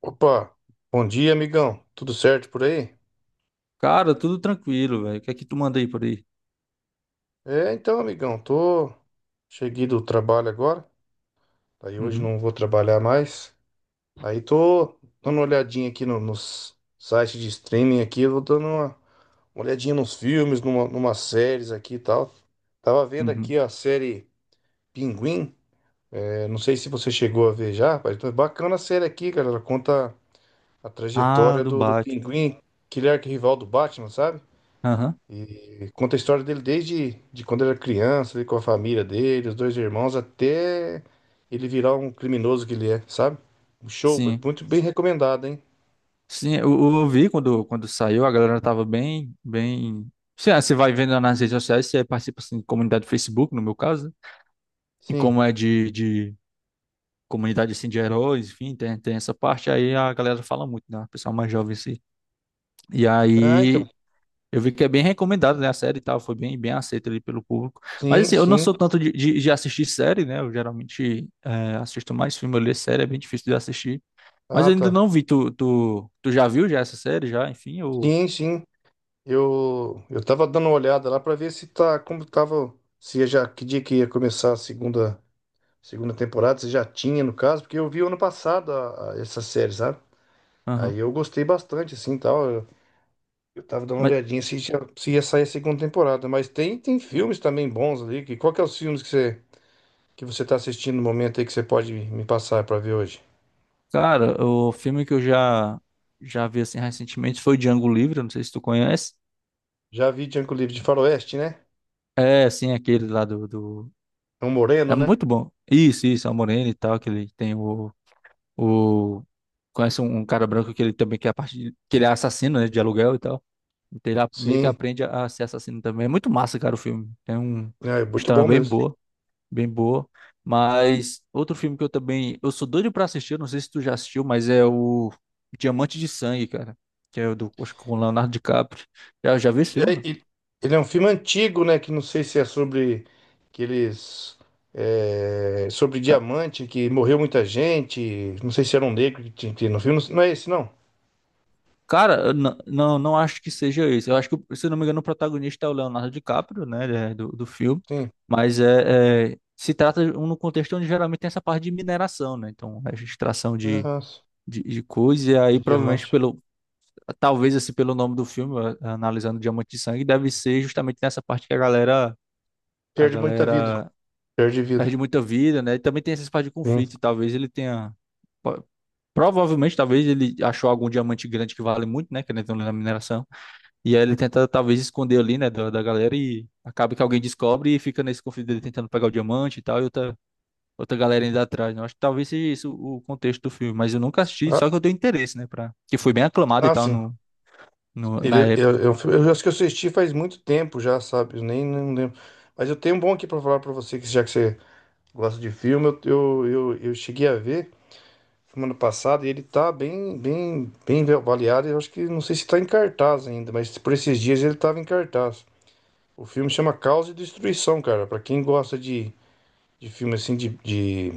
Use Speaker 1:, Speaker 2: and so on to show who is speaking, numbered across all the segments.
Speaker 1: Opa, bom dia, amigão. Tudo certo por aí?
Speaker 2: Cara, tudo tranquilo, velho. O que é que tu manda aí por aí?
Speaker 1: Então, amigão, tô cheguei do trabalho agora. Aí hoje
Speaker 2: Uhum,
Speaker 1: não vou trabalhar mais. Aí tô dando uma olhadinha aqui nos sites de streaming aqui, eu vou dando uma olhadinha nos filmes, numa séries aqui e tal. Tava vendo
Speaker 2: uhum.
Speaker 1: aqui a série Pinguim. É, não sei se você chegou a ver já, mas tá bacana a série aqui, cara. Ela conta a
Speaker 2: Ah,
Speaker 1: trajetória
Speaker 2: do
Speaker 1: do
Speaker 2: Batman.
Speaker 1: Pinguim, que ele é arquirrival do Batman, sabe?
Speaker 2: Aham,
Speaker 1: E conta a história dele desde de quando era criança, ele com a família dele, os dois irmãos, até ele virar um criminoso que ele é, sabe? Um show
Speaker 2: sim.
Speaker 1: muito bem recomendado, hein?
Speaker 2: Sim, eu vi quando saiu, a galera tava bem. Sim, você vai vendo nas redes sociais, você participa, assim, de comunidade do Facebook, no meu caso, né? E
Speaker 1: Sim.
Speaker 2: como é de comunidade, assim, de heróis, enfim, tem essa parte, aí a galera fala muito, né? O pessoal mais jovem, assim. E
Speaker 1: Ah, então.
Speaker 2: aí eu vi que é bem recomendado, né? A série e tal, foi bem, bem aceita ali pelo público. Mas
Speaker 1: Sim,
Speaker 2: assim, eu não
Speaker 1: sim.
Speaker 2: sou tanto de assistir série, né? Eu geralmente assisto mais filme, eu leio série, é bem difícil de assistir. Mas
Speaker 1: Ah,
Speaker 2: eu ainda
Speaker 1: tá.
Speaker 2: não vi, tu já viu já essa série, já, enfim, eu...
Speaker 1: Sim, sim. Eu tava dando uma olhada lá pra ver se tá como tava, se já que dia que ia começar a segunda temporada, se já tinha no caso, porque eu vi ano passado essa série, sabe? Aí
Speaker 2: Aham.
Speaker 1: eu gostei bastante assim, tal. Tava dando uma
Speaker 2: Mas,
Speaker 1: olhadinha se, se ia sair a segunda temporada. Mas tem filmes também bons ali. Que, qual que é os filmes que você tá assistindo no momento aí que você pode me passar pra ver hoje?
Speaker 2: cara, o filme que eu já vi, assim, recentemente foi Django Livre, eu não sei se tu conhece.
Speaker 1: Já vi Django Livre de Faroeste, né?
Speaker 2: É, assim, aquele lá do.
Speaker 1: É um
Speaker 2: É
Speaker 1: moreno, né?
Speaker 2: muito bom. Isso, é o Moreno e tal, que ele tem o... O... Conhece um cara branco que ele também quer a parte de- que ele é assassino, né, de aluguel e tal. Então ele meio que
Speaker 1: Sim.
Speaker 2: aprende a ser assassino também. É muito massa, cara, o filme. Tem um
Speaker 1: É muito
Speaker 2: história
Speaker 1: bom
Speaker 2: bem
Speaker 1: mesmo.
Speaker 2: boa, bem boa. Mas outro filme que eu também, eu sou doido pra assistir, eu não sei se tu já assistiu, mas é o Diamante de Sangue, cara, que é o do, acho que com o Leonardo DiCaprio. Já vi esse
Speaker 1: É,
Speaker 2: filme, não?
Speaker 1: e- ele é um filme antigo, né? Que não sei se é sobre aqueles. É, sobre diamante, que morreu muita gente. Não sei se era um negro que tinha no filme. Não é esse, não?
Speaker 2: Cara, eu não acho que seja isso. Eu acho que, se eu não me engano, o protagonista é o Leonardo DiCaprio, né, ele é do filme.
Speaker 1: Sim.
Speaker 2: Mas se trata de um no contexto onde geralmente tem essa parte de mineração, né? Então, a extração de,
Speaker 1: Aham.
Speaker 2: de, de coisa, e
Speaker 1: De
Speaker 2: aí provavelmente
Speaker 1: diamante.
Speaker 2: pelo, talvez assim pelo nome do filme, analisando Diamante de Sangue, deve ser justamente nessa parte que a galera, a
Speaker 1: Perde muita vida.
Speaker 2: galera
Speaker 1: Perde vida.
Speaker 2: perde muita vida, né? E também tem essas partes de
Speaker 1: Sim.
Speaker 2: conflito, e talvez ele tenha, po- provavelmente, talvez ele achou algum diamante grande que vale muito, né? Que ele tem na mineração. E aí ele tenta talvez esconder ali, né, da galera, e acaba que alguém descobre e fica nesse conflito dele tentando pegar o diamante e tal, e outra galera ainda atrás, né? Eu acho que talvez seja isso o contexto do filme, mas eu nunca assisti,
Speaker 1: Ah,
Speaker 2: só que eu tenho interesse, né, pra... Que foi bem aclamado e
Speaker 1: ah,
Speaker 2: tal
Speaker 1: sim.
Speaker 2: no, no, na época.
Speaker 1: Eu acho que eu assisti faz muito tempo já, sabe? Eu nem, nem lembro. Mas eu tenho um bom aqui pra falar pra você, que já que você gosta de filme, eu cheguei a ver semana passada e ele tá bem avaliado. Eu acho que não sei se tá em cartaz ainda, mas por esses dias ele tava em cartaz. O filme chama Caos e Destruição, cara. Pra quem gosta de filme assim de, de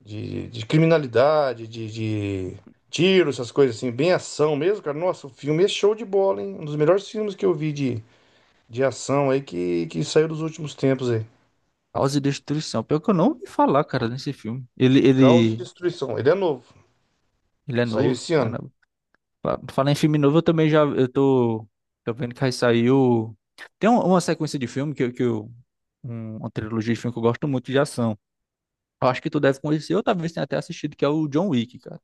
Speaker 1: de, de criminalidade, de tiro, essas coisas assim, bem ação mesmo, cara. Nossa, o filme é show de bola, hein? Um dos melhores filmes que eu vi de ação aí que saiu dos últimos tempos aí.
Speaker 2: Caos e Destruição, pior que eu não ouvi falar, cara, nesse filme. Ele,
Speaker 1: Caos e
Speaker 2: ele,
Speaker 1: Destruição. Ele é novo,
Speaker 2: ele é
Speaker 1: saiu
Speaker 2: novo,
Speaker 1: esse ano.
Speaker 2: caramba. Falar em filme novo, eu também já, tô vendo que aí saiu... Tem uma sequência de filme que, que eu... Uma trilogia de filme que eu gosto muito de ação. Eu acho que tu deve conhecer, ou talvez tenha até assistido, que é o John Wick, cara.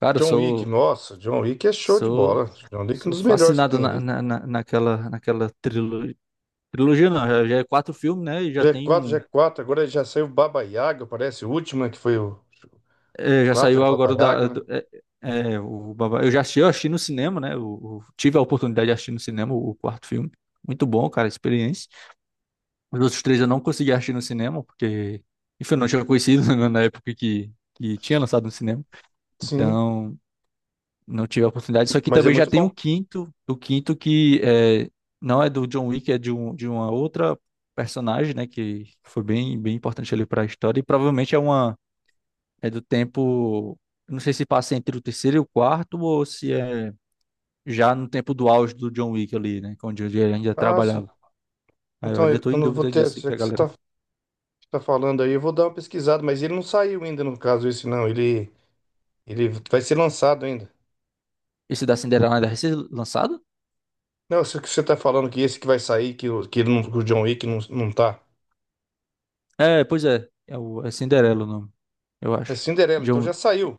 Speaker 2: Cara, eu
Speaker 1: John Wick,
Speaker 2: sou,
Speaker 1: nossa, John Wick é show de
Speaker 2: sou,
Speaker 1: bola. John Wick é um
Speaker 2: sou
Speaker 1: dos melhores que
Speaker 2: fascinado
Speaker 1: tem
Speaker 2: na,
Speaker 1: ali.
Speaker 2: na, na- naquela, naquela trilogia. Trilogia não, já é quatro filmes, né? E já
Speaker 1: g
Speaker 2: tem
Speaker 1: quatro, g
Speaker 2: um.
Speaker 1: quatro. Agora já saiu Baba Yaga, parece o último, né, que foi o
Speaker 2: É, já
Speaker 1: 4 é
Speaker 2: saiu
Speaker 1: Baba
Speaker 2: agora
Speaker 1: Yaga,
Speaker 2: da.
Speaker 1: né?
Speaker 2: Eu já assisti, eu assisti no cinema, né? Tive a oportunidade de assistir no cinema o quarto filme. Muito bom, cara, a experiência. Os outros três eu não consegui assistir no cinema, porque. Enfim, eu não tinha conhecido na época que, tinha lançado no cinema.
Speaker 1: Sim,
Speaker 2: Então. Não tive a oportunidade. Isso aqui
Speaker 1: mas é
Speaker 2: também já
Speaker 1: muito
Speaker 2: tem
Speaker 1: bom.
Speaker 2: o quinto que é, não é do John Wick, é de uma outra personagem, né? Que foi bem, bem importante ali para a história. E provavelmente é uma é do tempo. Eu não sei se passa entre o terceiro e o quarto, ou se é já no tempo do auge do John Wick ali, né? Onde ele ainda
Speaker 1: Ah, sim.
Speaker 2: trabalhava. Aí eu
Speaker 1: Então
Speaker 2: ainda tô
Speaker 1: eu
Speaker 2: em
Speaker 1: não vou
Speaker 2: dúvida
Speaker 1: ter,
Speaker 2: disso,
Speaker 1: já
Speaker 2: que a
Speaker 1: que você
Speaker 2: galera.
Speaker 1: tá falando aí, eu vou dar uma pesquisada, mas ele não saiu ainda no caso esse não, ele vai ser lançado ainda.
Speaker 2: Esse da Cinderela ainda vai ser lançado?
Speaker 1: Não, isso que você tá falando que esse que vai sair, que, que, ele não, que o John Wick não, não tá.
Speaker 2: É, pois é. É, o, é Cinderela o nome, eu
Speaker 1: É
Speaker 2: acho.
Speaker 1: Cinderela, então
Speaker 2: John,
Speaker 1: já saiu.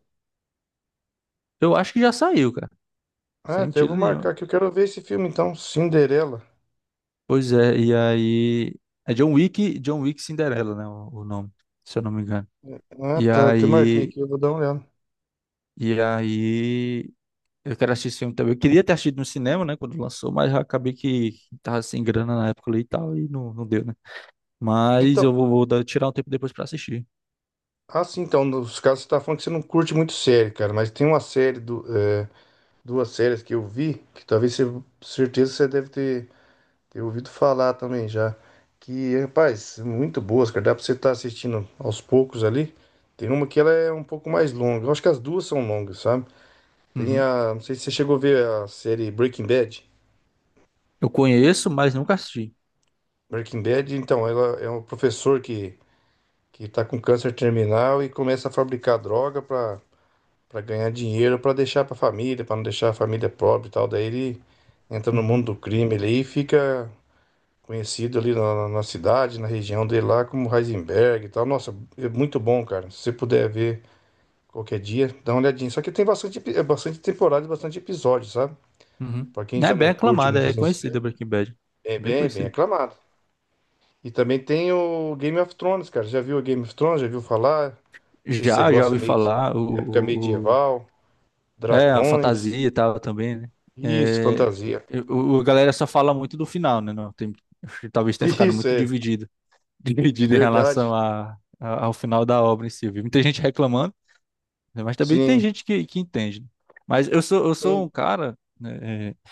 Speaker 2: eu acho que já saiu, cara.
Speaker 1: Ah,
Speaker 2: Sem
Speaker 1: até eu
Speaker 2: mentira
Speaker 1: vou
Speaker 2: nenhuma.
Speaker 1: marcar que eu quero ver esse filme então, Cinderela.
Speaker 2: Pois é, e aí. É John Wick, John Wick Cinderela, né? O nome, se eu não me engano.
Speaker 1: Ah,
Speaker 2: E
Speaker 1: tá, eu até marquei
Speaker 2: aí.
Speaker 1: aqui, eu vou dar uma olhada.
Speaker 2: E aí. Eu quero assistir esse filme também. Eu queria ter assistido no cinema, né? Quando lançou, mas já acabei que tava sem grana na época ali e tal, e não deu, né? Mas
Speaker 1: Então,
Speaker 2: vou tirar um tempo depois pra assistir.
Speaker 1: então, nos casos você tá falando que você não curte muito série, cara, mas tem uma série, do, é, duas séries que eu vi, certeza você deve ter Tenho ouvido falar também já. Que, rapaz, muito boas, cara. Dá pra você estar assistindo aos poucos ali. Tem uma que ela é um pouco mais longa. Eu acho que as duas são longas, sabe? Tem
Speaker 2: Uhum.
Speaker 1: a. Não sei se você chegou a ver a série Breaking Bad.
Speaker 2: Eu conheço, mas nunca assisti.
Speaker 1: Breaking Bad, então, ela é um professor que tá com câncer terminal e começa a fabricar droga pra ganhar dinheiro, pra deixar pra família, pra não deixar a família pobre e tal. Daí ele entra no mundo
Speaker 2: Uhum.
Speaker 1: do crime ali e fica conhecido ali na cidade, na região dele lá, como Heisenberg e tal. Nossa, é muito bom, cara. Se você puder ver qualquer dia, dá uma olhadinha. Só que tem é bastante temporada e bastante episódio, sabe?
Speaker 2: Uhum.
Speaker 1: Pra quem
Speaker 2: Não é
Speaker 1: já
Speaker 2: bem
Speaker 1: não curte
Speaker 2: aclamada,
Speaker 1: muito
Speaker 2: é
Speaker 1: assim,
Speaker 2: conhecida Breaking Bad.
Speaker 1: é
Speaker 2: Bem
Speaker 1: bem
Speaker 2: conhecida.
Speaker 1: aclamado. E também tem o Game of Thrones, cara. Já viu o Game of Thrones? Já viu falar? Não sei se você
Speaker 2: Já
Speaker 1: gosta
Speaker 2: ouvi
Speaker 1: meio assim,
Speaker 2: falar.
Speaker 1: época medieval,
Speaker 2: É, a fantasia
Speaker 1: dragões.
Speaker 2: e tal também, né?
Speaker 1: Isso,
Speaker 2: É,
Speaker 1: fantasia.
Speaker 2: a galera só fala muito do final, né? Não, tem, acho que talvez tenha ficado
Speaker 1: Isso
Speaker 2: muito
Speaker 1: é
Speaker 2: dividido, dividido em
Speaker 1: verdade.
Speaker 2: relação ao final da obra em si. Eu vi muita gente reclamando, né? Mas também tem
Speaker 1: Sim,
Speaker 2: gente que, entende. Né? Mas eu sou
Speaker 1: sim,
Speaker 2: um cara, né? é,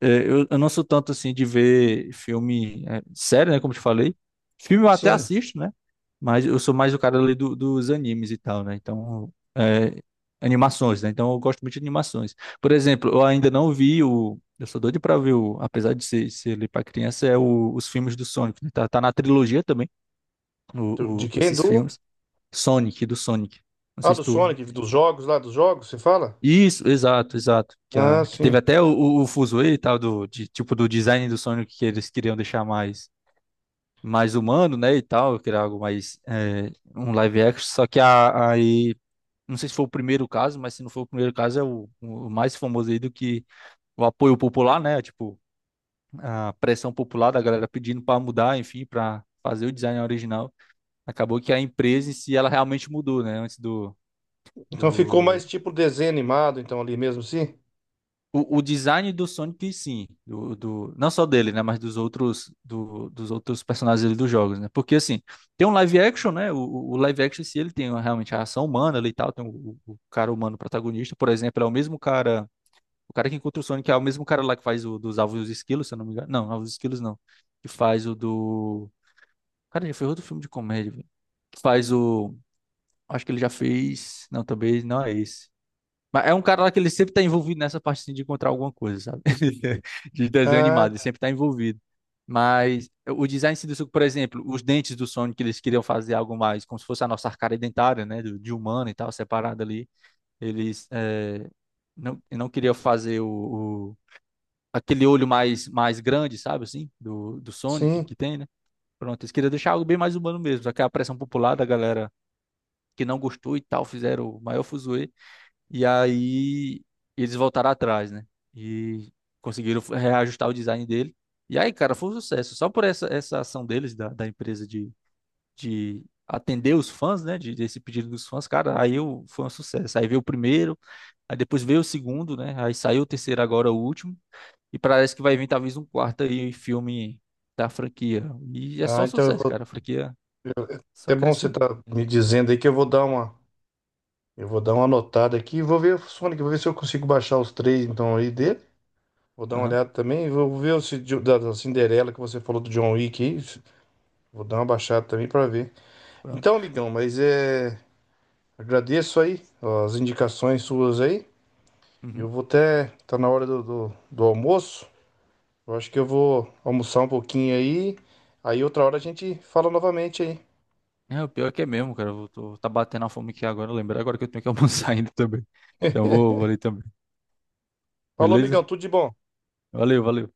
Speaker 2: é, eu, eu não sou tanto assim de ver filme, sério, né? Como eu te falei. Filme eu até
Speaker 1: sim.
Speaker 2: assisto, né? Mas eu sou mais o cara ali dos animes e tal, né? Então, animações, né? Então eu gosto muito de animações. Por exemplo, eu ainda não vi o. Eu sou doido pra ver o. Apesar de ser ali pra criança, é os filmes do Sonic, né? Tá na trilogia também,
Speaker 1: Do- De quem?
Speaker 2: esses
Speaker 1: Do?
Speaker 2: filmes. Sonic, do Sonic. Não
Speaker 1: Ah,
Speaker 2: sei se
Speaker 1: do
Speaker 2: tu...
Speaker 1: Sonic, dos jogos lá, dos jogos, você fala?
Speaker 2: Isso, exato, exato. Que,
Speaker 1: Ah,
Speaker 2: que teve
Speaker 1: sim.
Speaker 2: até o fuzuê e tal, tipo, do design do Sonic que eles queriam deixar mais, mais humano, né, e tal, queria algo mais, um live action, só que aí, não sei se foi o primeiro caso, mas se não foi o primeiro caso, é o mais famoso aí do que o apoio popular, né, tipo, a pressão popular da galera pedindo para mudar, enfim, para fazer o design original. Acabou que a empresa em si, ela realmente mudou, né, antes do...
Speaker 1: Então ficou
Speaker 2: do
Speaker 1: mais tipo desenho animado, então, ali mesmo, sim?
Speaker 2: o design do Sonic, sim, não só dele, né, mas dos outros, dos outros personagens ali dos jogos, né? Porque assim, tem um live action, né? Live action, se ele tem realmente a ação humana ali e tal, tem o cara humano protagonista, por exemplo, é o mesmo cara, o cara que encontra o Sonic é o mesmo cara lá que faz o dos Alvos e os Esquilos, se eu não me engano. Não, Alvos e Esquilos não. Que faz o do. Cara, já fez outro filme de comédia, velho. Que faz o. Acho que ele já fez. Não, também não é esse. Mas é um cara lá que ele sempre tá envolvido nessa parte, assim, de encontrar alguma coisa, sabe? De desenho
Speaker 1: Ah,
Speaker 2: animado, ele sempre tá envolvido. Mas o design em si do Suco, por exemplo, os dentes do Sonic, que eles queriam fazer algo mais, como se fosse a nossa arcada dentária, né? De humano e tal, separada ali. Eles não, queriam fazer o- aquele olho mais, mais grande, sabe, assim, do Sonic
Speaker 1: sim.
Speaker 2: que tem, né? Pronto, eles queriam deixar algo bem mais humano mesmo. Só que a pressão popular da galera que não gostou e tal, fizeram o maior fuzuê. E aí eles voltaram atrás, né? E conseguiram reajustar o design dele. E aí, cara, foi um sucesso. Só por essa ação deles, da empresa de atender os fãs, né? Desse pedido dos fãs, cara, aí eu, foi um sucesso. Aí veio o primeiro, aí depois veio o segundo, né? Aí saiu o terceiro, agora o último. E parece que vai vir talvez um quarto aí filme da franquia. E é
Speaker 1: Ah,
Speaker 2: só
Speaker 1: então eu
Speaker 2: sucesso, cara.
Speaker 1: vou...
Speaker 2: A franquia
Speaker 1: É
Speaker 2: só
Speaker 1: bom você
Speaker 2: crescendo.
Speaker 1: tá me dizendo aí que eu vou dar uma... Eu vou dar uma anotada aqui, vou ver o Sonic, vou ver se eu consigo baixar os três, então, aí dele. Vou dar uma
Speaker 2: Aham,
Speaker 1: olhada também, vou ver se de- da, da Cinderela que você falou do John Wick aí. Vou dar uma baixada também pra ver. Então,
Speaker 2: pronto.
Speaker 1: amigão, mas é... Agradeço aí ó, as indicações suas aí. Eu
Speaker 2: Uhum.
Speaker 1: vou até... Tá na hora do almoço. Eu acho que eu vou almoçar um pouquinho aí. Aí outra hora a gente fala novamente aí.
Speaker 2: É, o pior é que é mesmo, cara. Tá batendo a fome aqui agora, lembrar agora que eu tenho que almoçar ainda também. Então eu vou ali também.
Speaker 1: Falou,
Speaker 2: Beleza?
Speaker 1: amigão, tudo de bom.
Speaker 2: Valeu, valeu.